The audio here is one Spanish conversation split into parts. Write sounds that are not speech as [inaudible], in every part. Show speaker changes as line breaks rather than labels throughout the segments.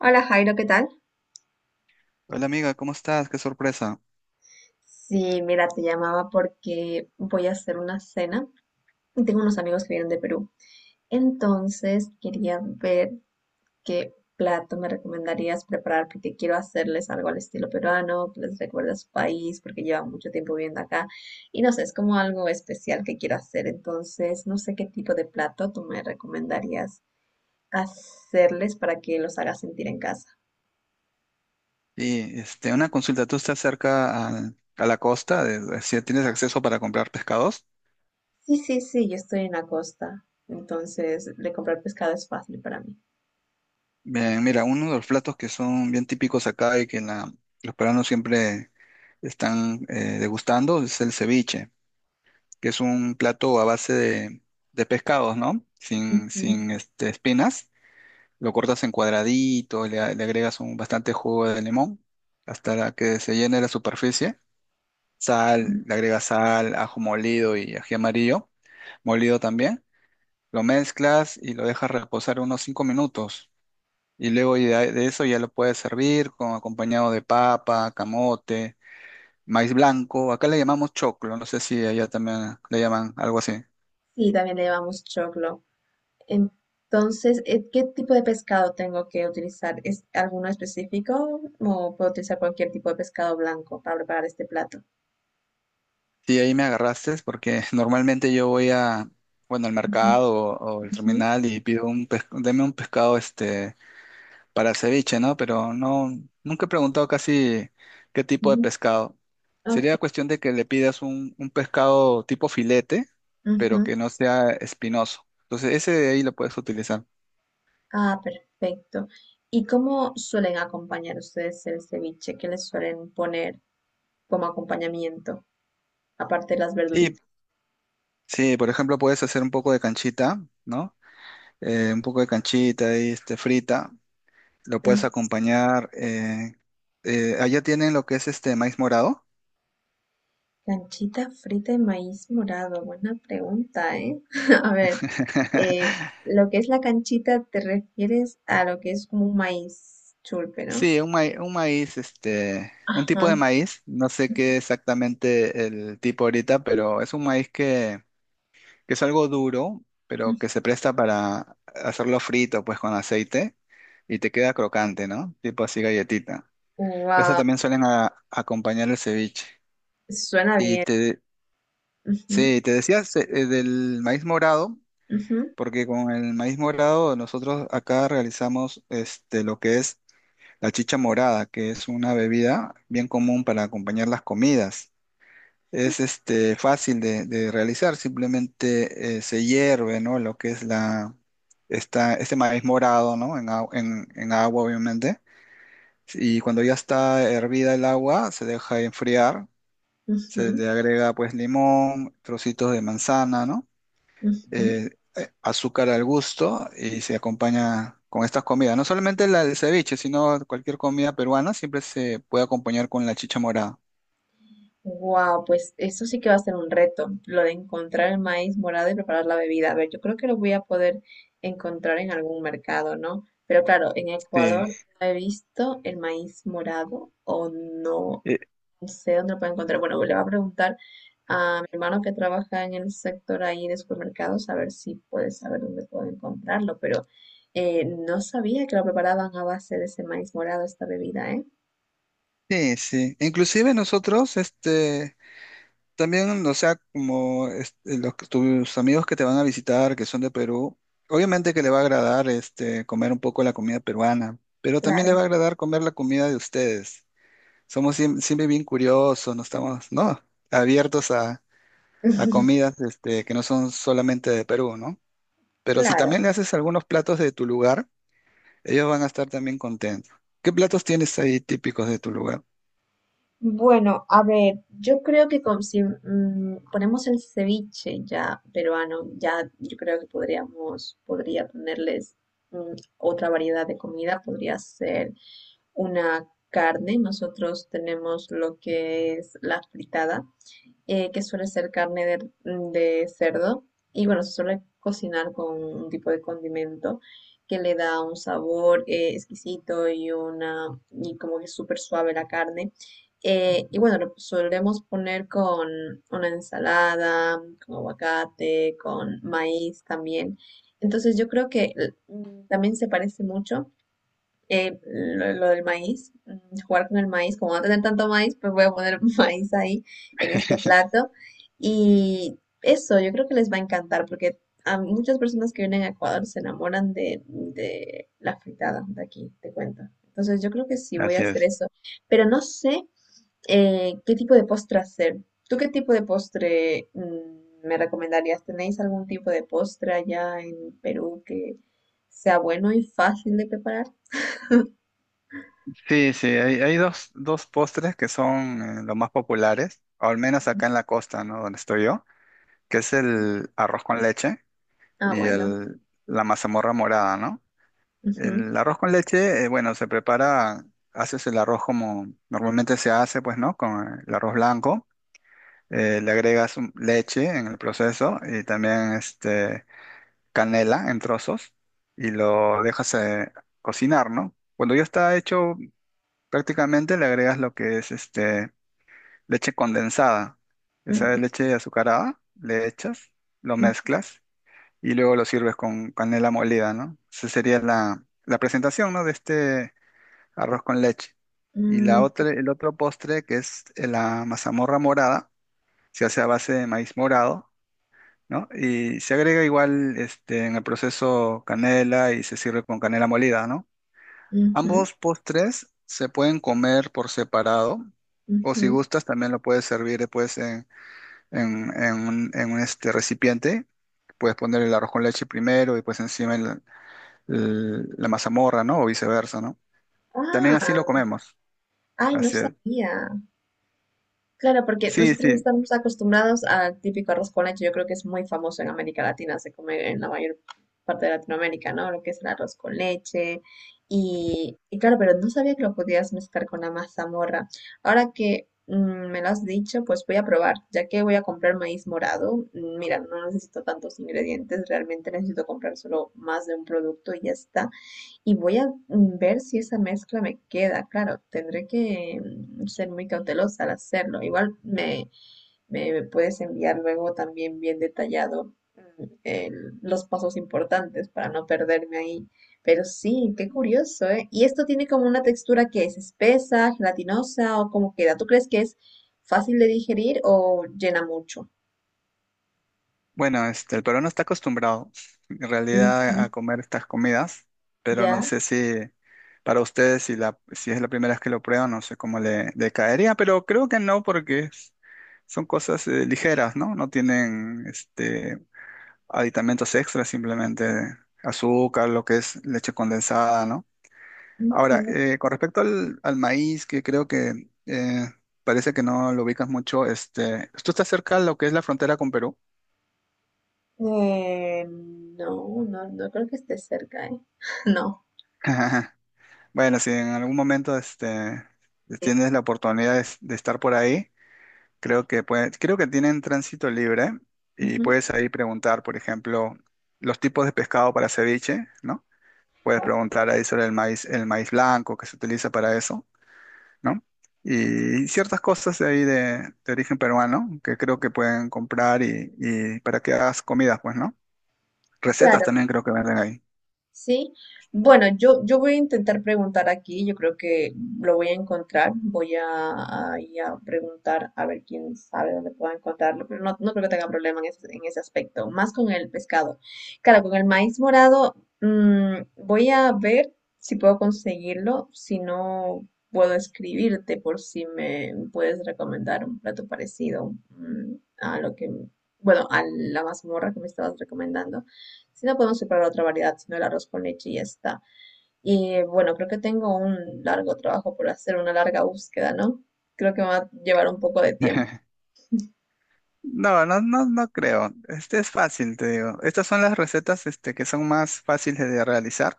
Hola Jairo, ¿qué tal?
Hola amiga, ¿cómo estás? Qué sorpresa.
Sí, mira, te llamaba porque voy a hacer una cena y tengo unos amigos que vienen de Perú. Entonces quería ver qué plato me recomendarías preparar porque quiero hacerles algo al estilo peruano, que les recuerde a su país porque llevan mucho tiempo viviendo acá y no sé, es como algo especial que quiero hacer. Entonces no sé qué tipo de plato tú me recomendarías hacerles para que los haga sentir en casa.
Y este, una consulta, ¿tú estás cerca a la costa? De, si tienes acceso para comprar pescados.
Sí, sí, sí, yo estoy en la costa, entonces de comprar pescado es fácil para mí.
Bien, mira, uno de los platos que son bien típicos acá y que los peruanos siempre están degustando es el ceviche, que es un plato a base de pescados, ¿no? Sin,
Ujú.
sin este, espinas. Lo cortas en cuadraditos, le agregas un bastante jugo de limón hasta la que se llene la superficie sal,
Mm.
le agregas sal, ajo molido y ají amarillo, molido también. Lo mezclas y lo dejas reposar unos 5 minutos. Y luego y de eso ya lo puedes servir con acompañado de papa, camote, maíz blanco. Acá le llamamos choclo, no sé si allá también le llaman algo así.
Sí, también le llevamos choclo. Entonces, ¿qué tipo de pescado tengo que utilizar? ¿Es alguno específico o puedo utilizar cualquier tipo de pescado blanco para preparar este plato?
Sí, ahí me agarraste porque [laughs] normalmente yo voy a, bueno, al
Ujú,
mercado o al
ujú,
terminal y pido un pescado, deme un pescado este para ceviche, ¿no? Pero no, nunca he preguntado casi qué tipo de
ujú.
pescado.
Ok.
Sería cuestión de que le pidas un pescado tipo filete, pero
Ujú.
que no sea espinoso. Entonces, ese de ahí lo puedes utilizar.
Ah, perfecto. ¿Y cómo suelen acompañar ustedes el ceviche? ¿Qué les suelen poner como acompañamiento, aparte de las
Sí,
verduritas?
sí, por ejemplo, puedes hacer un poco de canchita, ¿no? Un poco de canchita y este, frita. Lo puedes acompañar. Allá tienen lo que es este maíz morado.
Canchita frita de maíz morado. Buena pregunta, ¿eh? [laughs] A ver, eh,
[laughs]
lo que es la canchita te refieres a lo que es como un maíz chulpe, ¿no?
Sí, un maíz, este, un
Ajá.
tipo de maíz, no sé qué exactamente el tipo ahorita, pero es un maíz que es algo duro, pero que se presta para hacerlo frito, pues con aceite, y te queda crocante, ¿no? Tipo así galletita. Eso
Wow,
también suelen acompañar el ceviche.
suena
Y
bien.
te,
Ujú,
sí, te decías del maíz morado,
ujú,
porque con el maíz morado nosotros acá realizamos este, lo que es la chicha morada, que es una bebida bien común para acompañar las comidas. Es este, fácil de realizar, simplemente se hierve, ¿no? Lo que es la, esta, este maíz morado, ¿no? En agua, obviamente. Y cuando ya está hervida el agua, se deja enfriar, se
ujú,
le agrega pues limón, trocitos de manzana, ¿no?
ujú.
eh, Azúcar al gusto y se acompaña con estas comidas. No solamente la del ceviche, sino cualquier comida peruana siempre se puede acompañar con la chicha morada.
Wow, pues eso sí que va a ser un reto, lo de encontrar el maíz morado y preparar la bebida. A ver, yo creo que lo voy a poder encontrar en algún mercado, ¿no? Pero claro, en Ecuador
Sí,
no he visto el maíz morado o no,
eh,
no sé dónde lo puedo encontrar. Bueno, le voy a preguntar a mi hermano que trabaja en el sector ahí de supermercados a ver si puede saber dónde puedo encontrarlo, pero no sabía que lo preparaban a base de ese maíz morado, esta bebida, ¿eh?
sí, sí. Inclusive nosotros, este, también, o sea, como este, tus amigos que te van a visitar, que son de Perú, obviamente que le va a agradar este, comer un poco la comida peruana, pero también le
Claro,
va a agradar comer la comida de ustedes. Somos siempre bien curiosos, no estamos, ¿no? Abiertos a
[laughs]
comidas este, que no son solamente de Perú, ¿no? Pero si
claro.
también le haces algunos platos de tu lugar, ellos van a estar también contentos. ¿Qué platos tienes ahí típicos de tu lugar?
Bueno, a ver, yo creo que con- si ponemos el ceviche ya peruano, ya yo creo que podríamos, podría ponerles mm, otra variedad de comida, podría ser una carne. Nosotros tenemos lo que es la fritada, que suele ser carne de, de cerdo. Y bueno, se suele cocinar con un tipo de condimento que le da un sabor exquisito y una y como que súper suave la carne. Y bueno, lo solemos poner con una ensalada, con aguacate, con maíz también. Entonces yo creo que también se parece mucho lo del maíz, jugar con el maíz, como no tener tanto maíz, pues voy a poner [laughs] maíz ahí en este
[laughs]
plato. Y eso yo creo que les va a encantar porque a muchas personas que vienen a Ecuador se enamoran de la fritada de aquí, te cuento. Entonces yo creo que sí voy a
Así
hacer
es.
eso, pero no sé qué tipo de postre hacer. ¿Tú qué tipo de postre me recomendarías? ¿Tenéis algún tipo de postre allá en Perú que sea bueno y fácil de preparar?
Sí, sí, hay dos postres que son los más populares, o al menos acá en la costa, ¿no? Donde estoy yo, que es el arroz con leche
Ah,
y
bueno.
la mazamorra morada, ¿no?
Ujú,
El arroz con leche, bueno, se prepara, haces el arroz como normalmente se hace, pues, ¿no? Con el arroz blanco. Le agregas leche en el proceso y también este, canela en trozos y lo dejas cocinar, ¿no? Cuando ya está hecho, prácticamente le agregas lo que es este, leche condensada. Esa
ujú,
leche azucarada, le echas, lo mezclas y luego lo sirves con canela molida, ¿no? Esa sería la, la presentación, ¿no? De este arroz con leche. Y la
ujú,
otra, el otro postre, que es la mazamorra morada, se hace a base de maíz morado, ¿no? Y se agrega igual este, en el proceso canela y se sirve con canela molida, ¿no?
ujú,
Ambos postres se pueden comer por separado o
ujú.
si gustas también lo puedes servir después en un, este, recipiente. Puedes poner el arroz con leche primero y pues encima la mazamorra, ¿no? O viceversa, ¿no? También así lo
Ah,
comemos.
ay, no
Así es.
sabía. Claro, porque
Sí,
nosotros no
sí.
estamos acostumbrados al típico arroz con leche. Yo creo que es muy famoso en América Latina, se come en la mayor parte de Latinoamérica, ¿no? Lo que es el arroz con leche. Y claro, pero no sabía que lo podías mezclar con la mazamorra. Ahora que me lo has dicho, pues voy a probar, ya que voy a comprar maíz morado. Mira, no necesito tantos ingredientes, realmente necesito comprar solo más de un producto y ya está. Y voy a ver si esa mezcla me queda. Claro, tendré que ser muy cautelosa al hacerlo. Igual me, me puedes enviar luego también bien detallado el- los pasos importantes para no perderme ahí. Pero sí, qué curioso, ¿eh? Y esto tiene como una textura que es espesa, gelatinosa o cómo queda. ¿Tú crees que es fácil de digerir o llena mucho?
Bueno, este, el peruano está acostumbrado en realidad
Ujú,
a comer estas comidas, pero
ya.
no sé si para ustedes, si, la, si es la primera vez que lo prueban, no sé cómo le caería, pero creo que no, porque son cosas ligeras, ¿no? No tienen este, aditamentos extras, simplemente azúcar, lo que es leche condensada, ¿no? Ahora,
Ujú.
con respecto al maíz, que creo que parece que no lo ubicas mucho, este, ¿tú estás cerca de lo que es la frontera con Perú?
No, no, no creo que esté cerca, ¿eh? [laughs] No.
[laughs] Bueno, si en algún momento este, tienes la oportunidad de estar por ahí, creo que creo que tienen tránsito libre y
Ujú,
puedes ahí preguntar, por ejemplo, los tipos de pescado para ceviche, ¿no? Puedes preguntar ahí sobre el maíz blanco que se utiliza para eso, ¿no? Y ciertas cosas de ahí de origen peruano que creo que pueden comprar y para que hagas comidas, pues, ¿no? Recetas
claro,
también creo que venden ahí.
sí. Bueno, yo voy a intentar preguntar aquí, yo creo que lo voy a encontrar, voy a ir a preguntar a ver quién sabe dónde pueda encontrarlo, pero no, no creo que tenga problema en ese aspecto, más con el pescado. Claro, con el maíz morado, voy a ver si puedo conseguirlo, si no puedo escribirte por si me puedes recomendar un plato parecido, a lo que, bueno, a la mazmorra que me estabas recomendando. Si no podemos preparar otra variedad, sino el arroz con leche y ya está. Y bueno, creo que tengo un largo trabajo por hacer, una larga búsqueda, ¿no? Creo que me va a llevar un poco de tiempo.
[laughs] No, no, no, no creo. Este es fácil, te digo. Estas son las recetas, este, que son más fáciles de realizar.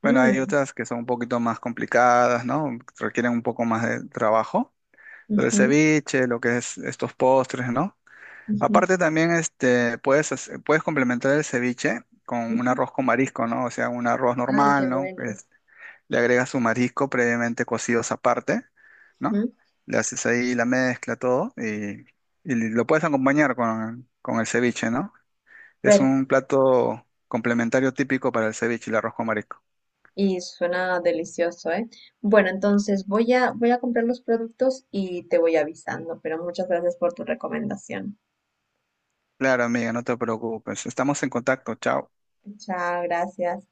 Bueno, hay
Mm,
otras que son un poquito más complicadas, ¿no? Requieren un poco más de trabajo. Pero el
ujú,
ceviche, lo que es estos postres, ¿no?
ujú,
Aparte también, este, puedes, puedes complementar el ceviche con un
ujú.
arroz con marisco, ¿no? O sea, un arroz
Ay, qué
normal, ¿no?
bueno.
Le agregas su marisco previamente cocidos aparte, ¿no?
Ujú.
Le haces ahí la mezcla, todo, y lo puedes acompañar con el ceviche, ¿no? Es
Ver,
un plato complementario típico para el ceviche, el arroz con marisco.
y suena delicioso, ¿eh? Bueno, entonces voy a, voy a comprar los productos y te voy avisando, pero muchas gracias por tu recomendación.
Claro, amiga, no te preocupes. Estamos en contacto. Chao.
Chao, gracias.